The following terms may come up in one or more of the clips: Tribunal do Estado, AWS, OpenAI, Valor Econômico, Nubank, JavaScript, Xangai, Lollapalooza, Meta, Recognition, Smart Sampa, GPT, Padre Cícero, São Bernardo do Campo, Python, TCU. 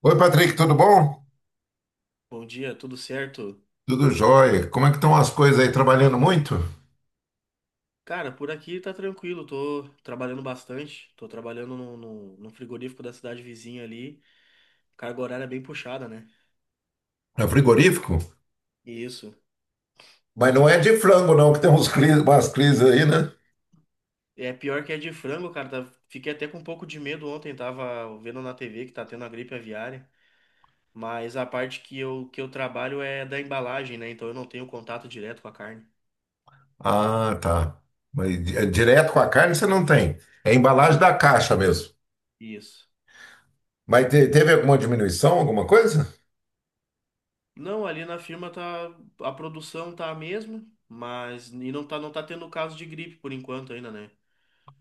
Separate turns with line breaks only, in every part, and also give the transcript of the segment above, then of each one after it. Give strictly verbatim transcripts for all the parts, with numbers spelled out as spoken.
Oi, Patrick, tudo bom?
Bom dia, tudo certo?
Tudo jóia. Como é que estão as coisas aí? Trabalhando muito?
Cara, por aqui tá tranquilo, tô trabalhando bastante, tô trabalhando no, no, no frigorífico da cidade vizinha ali, carga horária é bem puxada, né?
É frigorífico?
Isso.
Mas não é de frango, não, que tem uns cris, umas crises aí, né?
É pior que é de frango, cara, tá- fiquei até com um pouco de medo ontem, tava vendo na T V que tá tendo a gripe aviária, mas a parte que eu, que eu trabalho é da embalagem, né? Então eu não tenho contato direto com a carne.
Ah, tá. Mas di- é direto com a carne você não tem. É embalagem
Não,
da caixa mesmo.
isso.
Mas te- teve alguma diminuição, alguma coisa?
Não, ali na firma tá, a produção tá a mesma, mas e não tá, não tá tendo caso de gripe por enquanto ainda, né?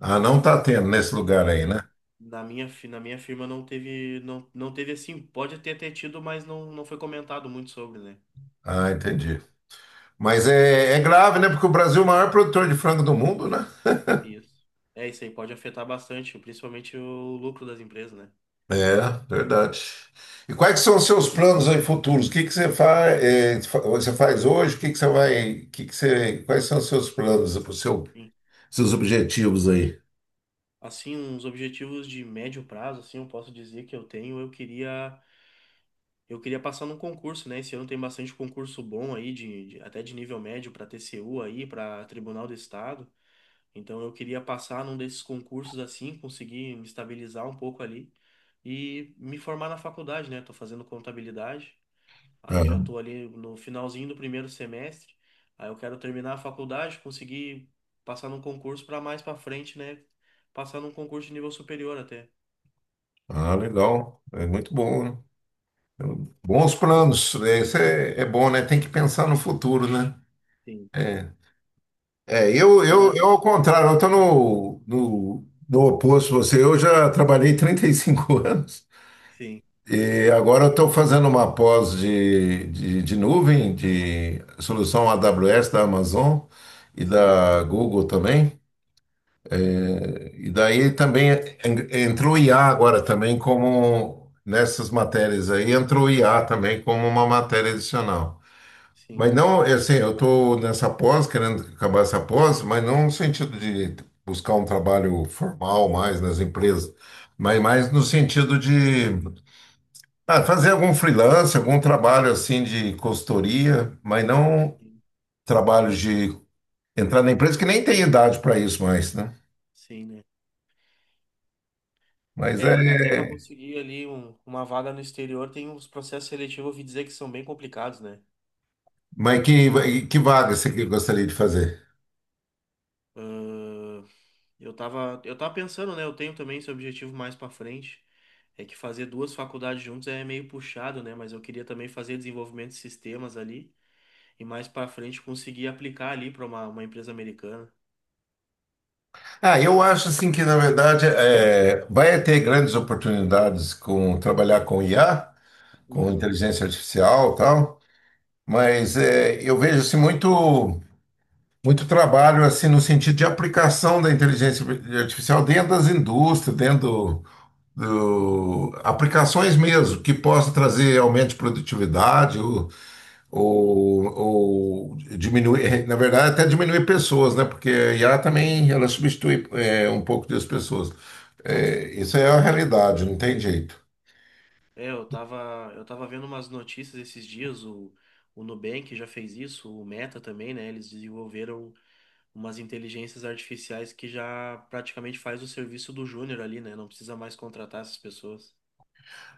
Ah, não tá tendo nesse lugar aí,
Na
né?
na minha, fi- na minha firma não teve, não, não teve assim, pode ter, ter tido, mas não, não foi comentado muito sobre, né?
Ah, entendi. Mas é, é grave, né? Porque o Brasil é o maior produtor de frango do mundo, né?
Isso. É isso aí, pode afetar bastante, principalmente o lucro das empresas, né?
É, verdade. E quais são os seus planos aí futuros? O que que você faz, você faz hoje? O que que você vai, o que que você, quais são os seus planos, os seu,
Sim.
seus objetivos aí?
Assim, uns objetivos de médio prazo, assim, eu posso dizer que eu tenho, eu queria, eu queria passar num concurso, né? Esse ano tem bastante concurso bom aí, de, de- até de nível médio para T C U aí, para Tribunal do Estado. Então eu queria passar num desses concursos assim, conseguir me estabilizar um pouco ali e me formar na faculdade, né? Tô fazendo contabilidade, aí já tô ali no finalzinho do primeiro semestre. Aí eu quero terminar a faculdade, conseguir passar num concurso para mais para frente, né? Passar num concurso de nível superior até.
Ah, legal. É muito bom, né? Bons planos, né? Isso é, é bom, né? Tem que pensar no futuro, né?
Sim.
É, é eu, eu,
Mas-
eu ao contrário, eu estou no, no, no oposto de você. Eu já trabalhei trinta e cinco anos.
Sim,
E agora eu estou fazendo uma pós de, de, de nuvem, de solução A W S da Amazon e
sim,
da Google também. E daí também en- entrou I A agora também como nessas matérias aí, entrou I A também como uma matéria adicional.
sim,
Mas não, é assim, eu estou nessa pós, querendo acabar essa pós, mas não no sentido de buscar um trabalho formal mais nas empresas, mas mais no sentido de ah, fazer algum freelance, algum trabalho assim de consultoria, mas não
sim,
trabalho de entrar na empresa, que nem tem idade para isso mais, né?
sim, né?
Mas
É,
é.
até para conseguir ali um- uma vaga no exterior, tem uns processos seletivos, eu ouvi dizer que são bem complicados, né?
Mas que, que vaga você que gostaria de fazer?
Eu tava, eu tava pensando, né? Eu tenho também esse objetivo mais pra frente. É que fazer duas faculdades juntos é meio puxado, né? Mas eu queria também fazer desenvolvimento de sistemas ali e mais pra frente conseguir aplicar ali pra uma, uma empresa americana.
Ah, eu acho assim que, na verdade, é, vai ter grandes oportunidades com trabalhar com I A, com
Uhum.
inteligência artificial e tal, mas é, eu vejo assim, muito, muito trabalho assim no sentido de aplicação da inteligência artificial dentro das indústrias, dentro do- aplicações mesmo que possam trazer
Sim,
aumento de produtividade ou, ou, ou diminuir, na verdade, até diminuir pessoas, né? Porque a I A
sim.
também ela substitui é, um pouco das pessoas. É, isso é a realidade, não tem jeito.
É, eu tava, eu tava vendo umas notícias esses dias, o, o Nubank já fez isso, o Meta também, né? Eles desenvolveram umas inteligências artificiais que já praticamente faz o serviço do júnior ali, né? Não precisa mais contratar essas pessoas.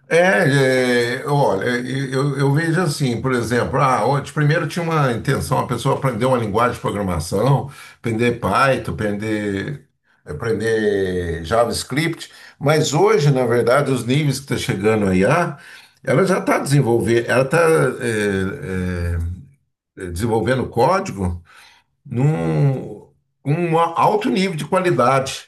É, é, olha, eu, eu vejo assim, por exemplo, ah, antes, primeiro tinha uma intenção, a pessoa aprender uma linguagem de programação, aprender
Sim,
Python, aprender, aprender JavaScript, mas hoje, na verdade, os níveis que está chegando a I A, ela já está desenvolvendo, ela está desenvolvendo código num um alto nível de qualidade.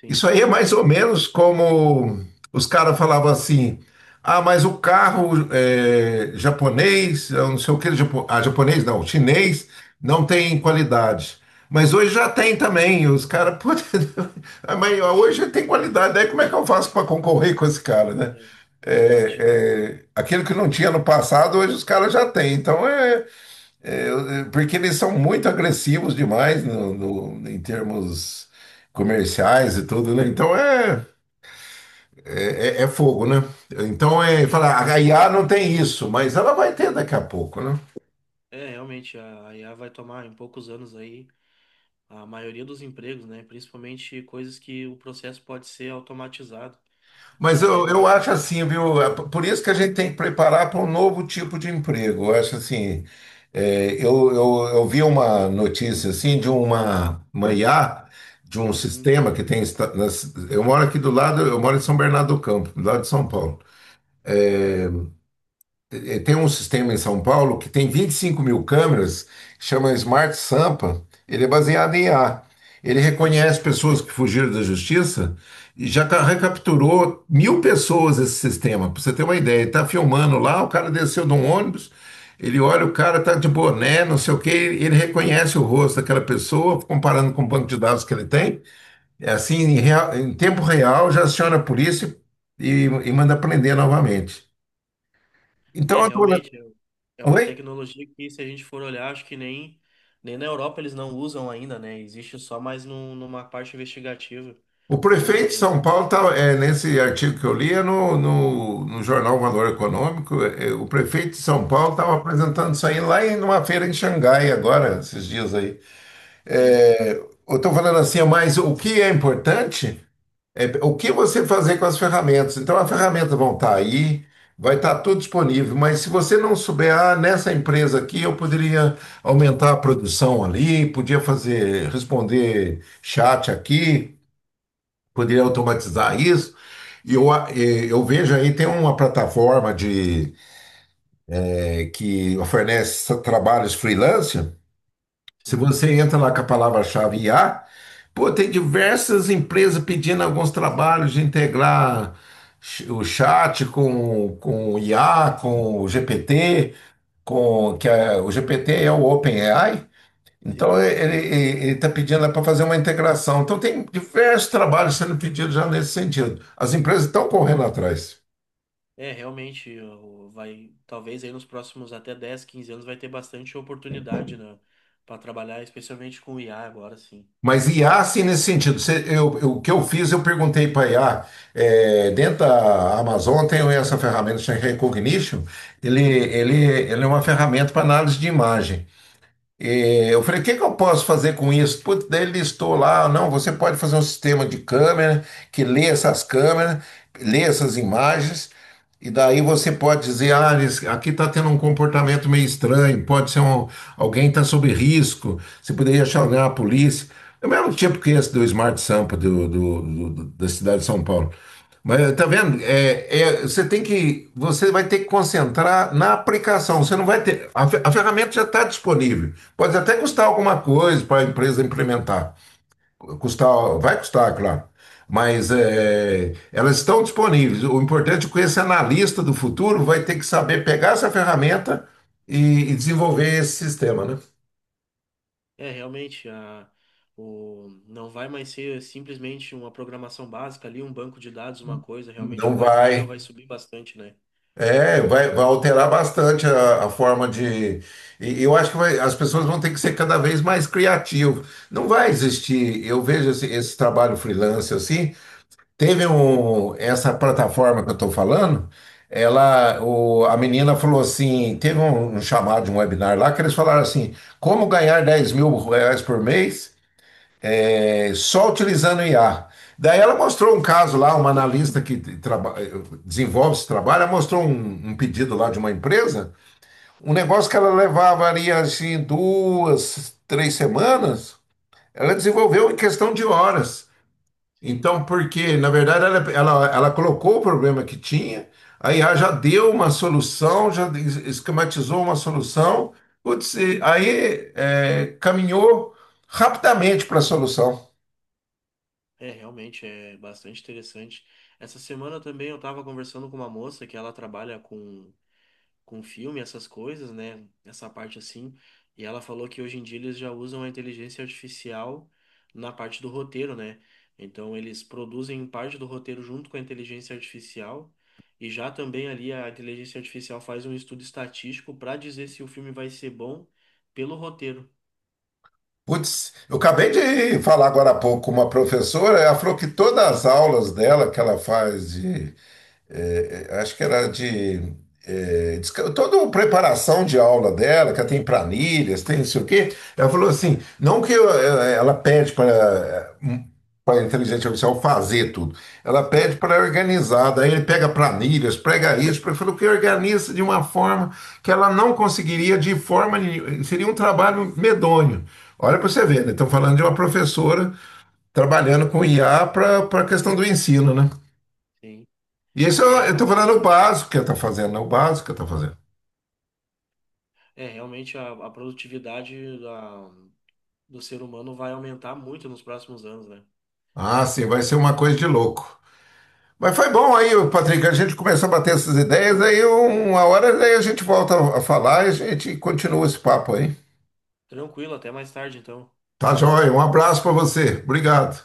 sim.
Isso aí é mais ou menos como os caras falavam assim: ah, mas o carro é, japonês, eu não sei o que, japo- ah, japonês não, chinês, não tem qualidade. Mas hoje já tem também, os caras, pô, ah, mas hoje tem qualidade, aí como é que eu faço para concorrer com esse cara, né?
É, realmente.
É, é, aquilo que não tinha no passado, hoje os caras já têm. Então é eu- eu- é, porque eles são muito agressivos demais no, no- em termos comerciais e tudo, né? Então é, é, é- é fogo, né? Então é
Sim.
falar, a I A não tem isso, mas ela vai ter daqui a pouco, né?
É, realmente, a a I A vai tomar em poucos anos aí a maioria dos empregos, né? Principalmente coisas que o processo pode ser automatizado e
Mas
a
eu,
régua vai
eu
ficar.
acho assim, viu? É p- Por isso que a gente tem que preparar para um novo tipo de emprego. Eu acho assim, é, eu, eu, eu vi uma notícia assim de uma, uma I A, de um
Uhum.
sistema que tem. esta- nas- Eu moro aqui do lado, eu moro em São Bernardo do Campo, do lado de São Paulo.
Sim,
É, é, tem um sistema em São Paulo que tem vinte e cinco mil câmeras, chama Smart Sampa. Ele é baseado em I A. Ele
sim,
reconhece pessoas que fugiram da justiça e já ca-
sim.
recapturou mil pessoas esse sistema, para você ter uma ideia. Ele tá filmando lá, o cara desceu de um ônibus, ele olha, o cara tá de boné, não sei o quê, ele reconhece o rosto daquela pessoa, comparando com o banco de dados que ele tem. É assim, em, real- em tempo real, já aciona a polícia e, e manda prender novamente. Então,
É, realmente, é é uma
oi?
tecnologia que, se a gente for olhar, acho que nem, nem na Europa eles não usam ainda, né? Existe só mais num, numa parte investigativa.
O prefeito de
Aí,
São Paulo, tá, é, nesse artigo que eu li, é no, no, no jornal Valor Econômico, é, é, o prefeito de São Paulo estava apresentando isso aí lá em uma feira em Xangai agora, esses dias aí.
sim,
É, eu estou falando assim, mas o que é importante é o que você fazer com as ferramentas. Então, as ferramentas vão estar aí, vai estar tudo disponível, mas se você não souber, ah, nessa empresa aqui eu poderia aumentar a produção ali, podia fazer, responder chat aqui, poderia automatizar isso. E eu, a- eh, eu vejo aí, tem uma plataforma de, eh, que oferece trabalhos freelancer. Se
sim,
você entra lá com a palavra-chave I A, pô, tem diversas empresas pedindo alguns trabalhos de integrar ch- o chat com, com o I A, com o G P T, com, que é, o G P T é o OpenAI, então,
sim.
ele está pedindo para fazer uma integração. Então, tem diversos trabalhos sendo pedidos já nesse sentido. As empresas estão correndo atrás.
É, realmente, o- vai, talvez aí nos próximos até dez, quinze anos vai ter bastante oportunidade, né, para trabalhar, especialmente com I A agora, sim.
Mas I A, sim, nesse sentido. Você- eu- eu- o que eu fiz, eu perguntei para I A, é, dentro da Amazon tem essa ferramenta chamada Recognition, ele,
Uhum.
ele, ele é uma ferramenta para análise de imagem. E eu falei, o que que eu posso fazer com isso? Putz, daí ele listou lá, não, você pode fazer um sistema de câmera que lê essas câmeras, lê essas imagens, e daí você pode dizer, ah, eles- aqui está tendo um comportamento meio estranho, pode ser um, alguém está sob risco, você poderia chamar a polícia. É o mesmo tipo que esse do Smart Sampa do, do- do- da cidade de São Paulo. Mas tá vendo? É, é, você tem que, você vai ter que concentrar na aplicação. Você não vai ter. A, fe- a ferramenta já está disponível. Pode até custar
Sim.
alguma coisa para a empresa implementar. Custar, vai custar, claro. Mas é, elas estão disponíveis. O importante é que esse analista do futuro vai ter que saber pegar essa ferramenta e, e desenvolver esse sistema, né?
É, realmente, a, o, não vai mais ser simplesmente uma programação básica ali, um banco de dados, uma coisa, realmente
Não
vai, o nível
vai.
vai subir bastante, né?
É, vai, vai alterar bastante a, a forma de. E eu acho que vai- as pessoas vão ter que ser cada vez mais criativas. Não vai
Sim.
existir. Eu vejo esse, esse trabalho freelance assim. Teve um, essa plataforma que eu estou falando, ela, o, a menina falou assim, teve um, um chamado de um webinar lá que eles falaram assim, como ganhar dez mil reais por mês é, só utilizando I A. Daí ela mostrou um caso lá, uma analista que traba- desenvolve esse trabalho, ela mostrou um, um pedido lá de uma empresa, um negócio que ela levaria assim duas, três semanas, ela desenvolveu em questão de horas.
Sim.
Então, porque, na verdade, ela, ela, ela colocou o problema que tinha, aí I A já deu uma solução, já es- esquematizou uma solução, putz, e aí é, caminhou rapidamente para a solução.
É, realmente, é bastante interessante. Essa semana também eu estava conversando com uma moça que ela trabalha com com filme, essas coisas, né? Essa parte assim. E ela falou que hoje em dia eles já usam a inteligência artificial na parte do roteiro, né? Então eles produzem parte do roteiro junto com a inteligência artificial. E já também ali a inteligência artificial faz um estudo estatístico para dizer se o filme vai ser bom pelo roteiro.
Putz, eu acabei de falar agora há pouco com uma professora, ela falou que todas as aulas dela que ela faz de é, é, acho que era de, é, desca- toda uma preparação de aula dela, que ela tem
Sim,
planilhas, tem não sei o quê. Ela falou assim, não que eu- ela ela pede para para a inteligência artificial fazer tudo. Ela pede
sim,
para organizar, daí ele pega planilhas, pega isso, ele falou que organiza de uma forma que ela não conseguiria de forma nenhuma, seria um trabalho medonho. Olha para você
sim,
ver, né? Estão falando de uma professora trabalhando com I A para a questão do ensino, né?
sim.
E isso
É,
eu estou falando
realmente.
o básico que está fazendo, né? O básico que está
É,
fazendo.
é, realmente a, a produtividade da- do ser humano vai aumentar muito nos próximos anos, né?
Ah, sim, vai ser uma coisa de louco. Mas foi bom aí, Patrick, a gente começou a bater essas ideias, aí um- uma hora aí a gente volta a falar e a gente continua esse papo aí.
Tranquilo, até mais tarde, então.
Tá joia, um abraço para você. Obrigado.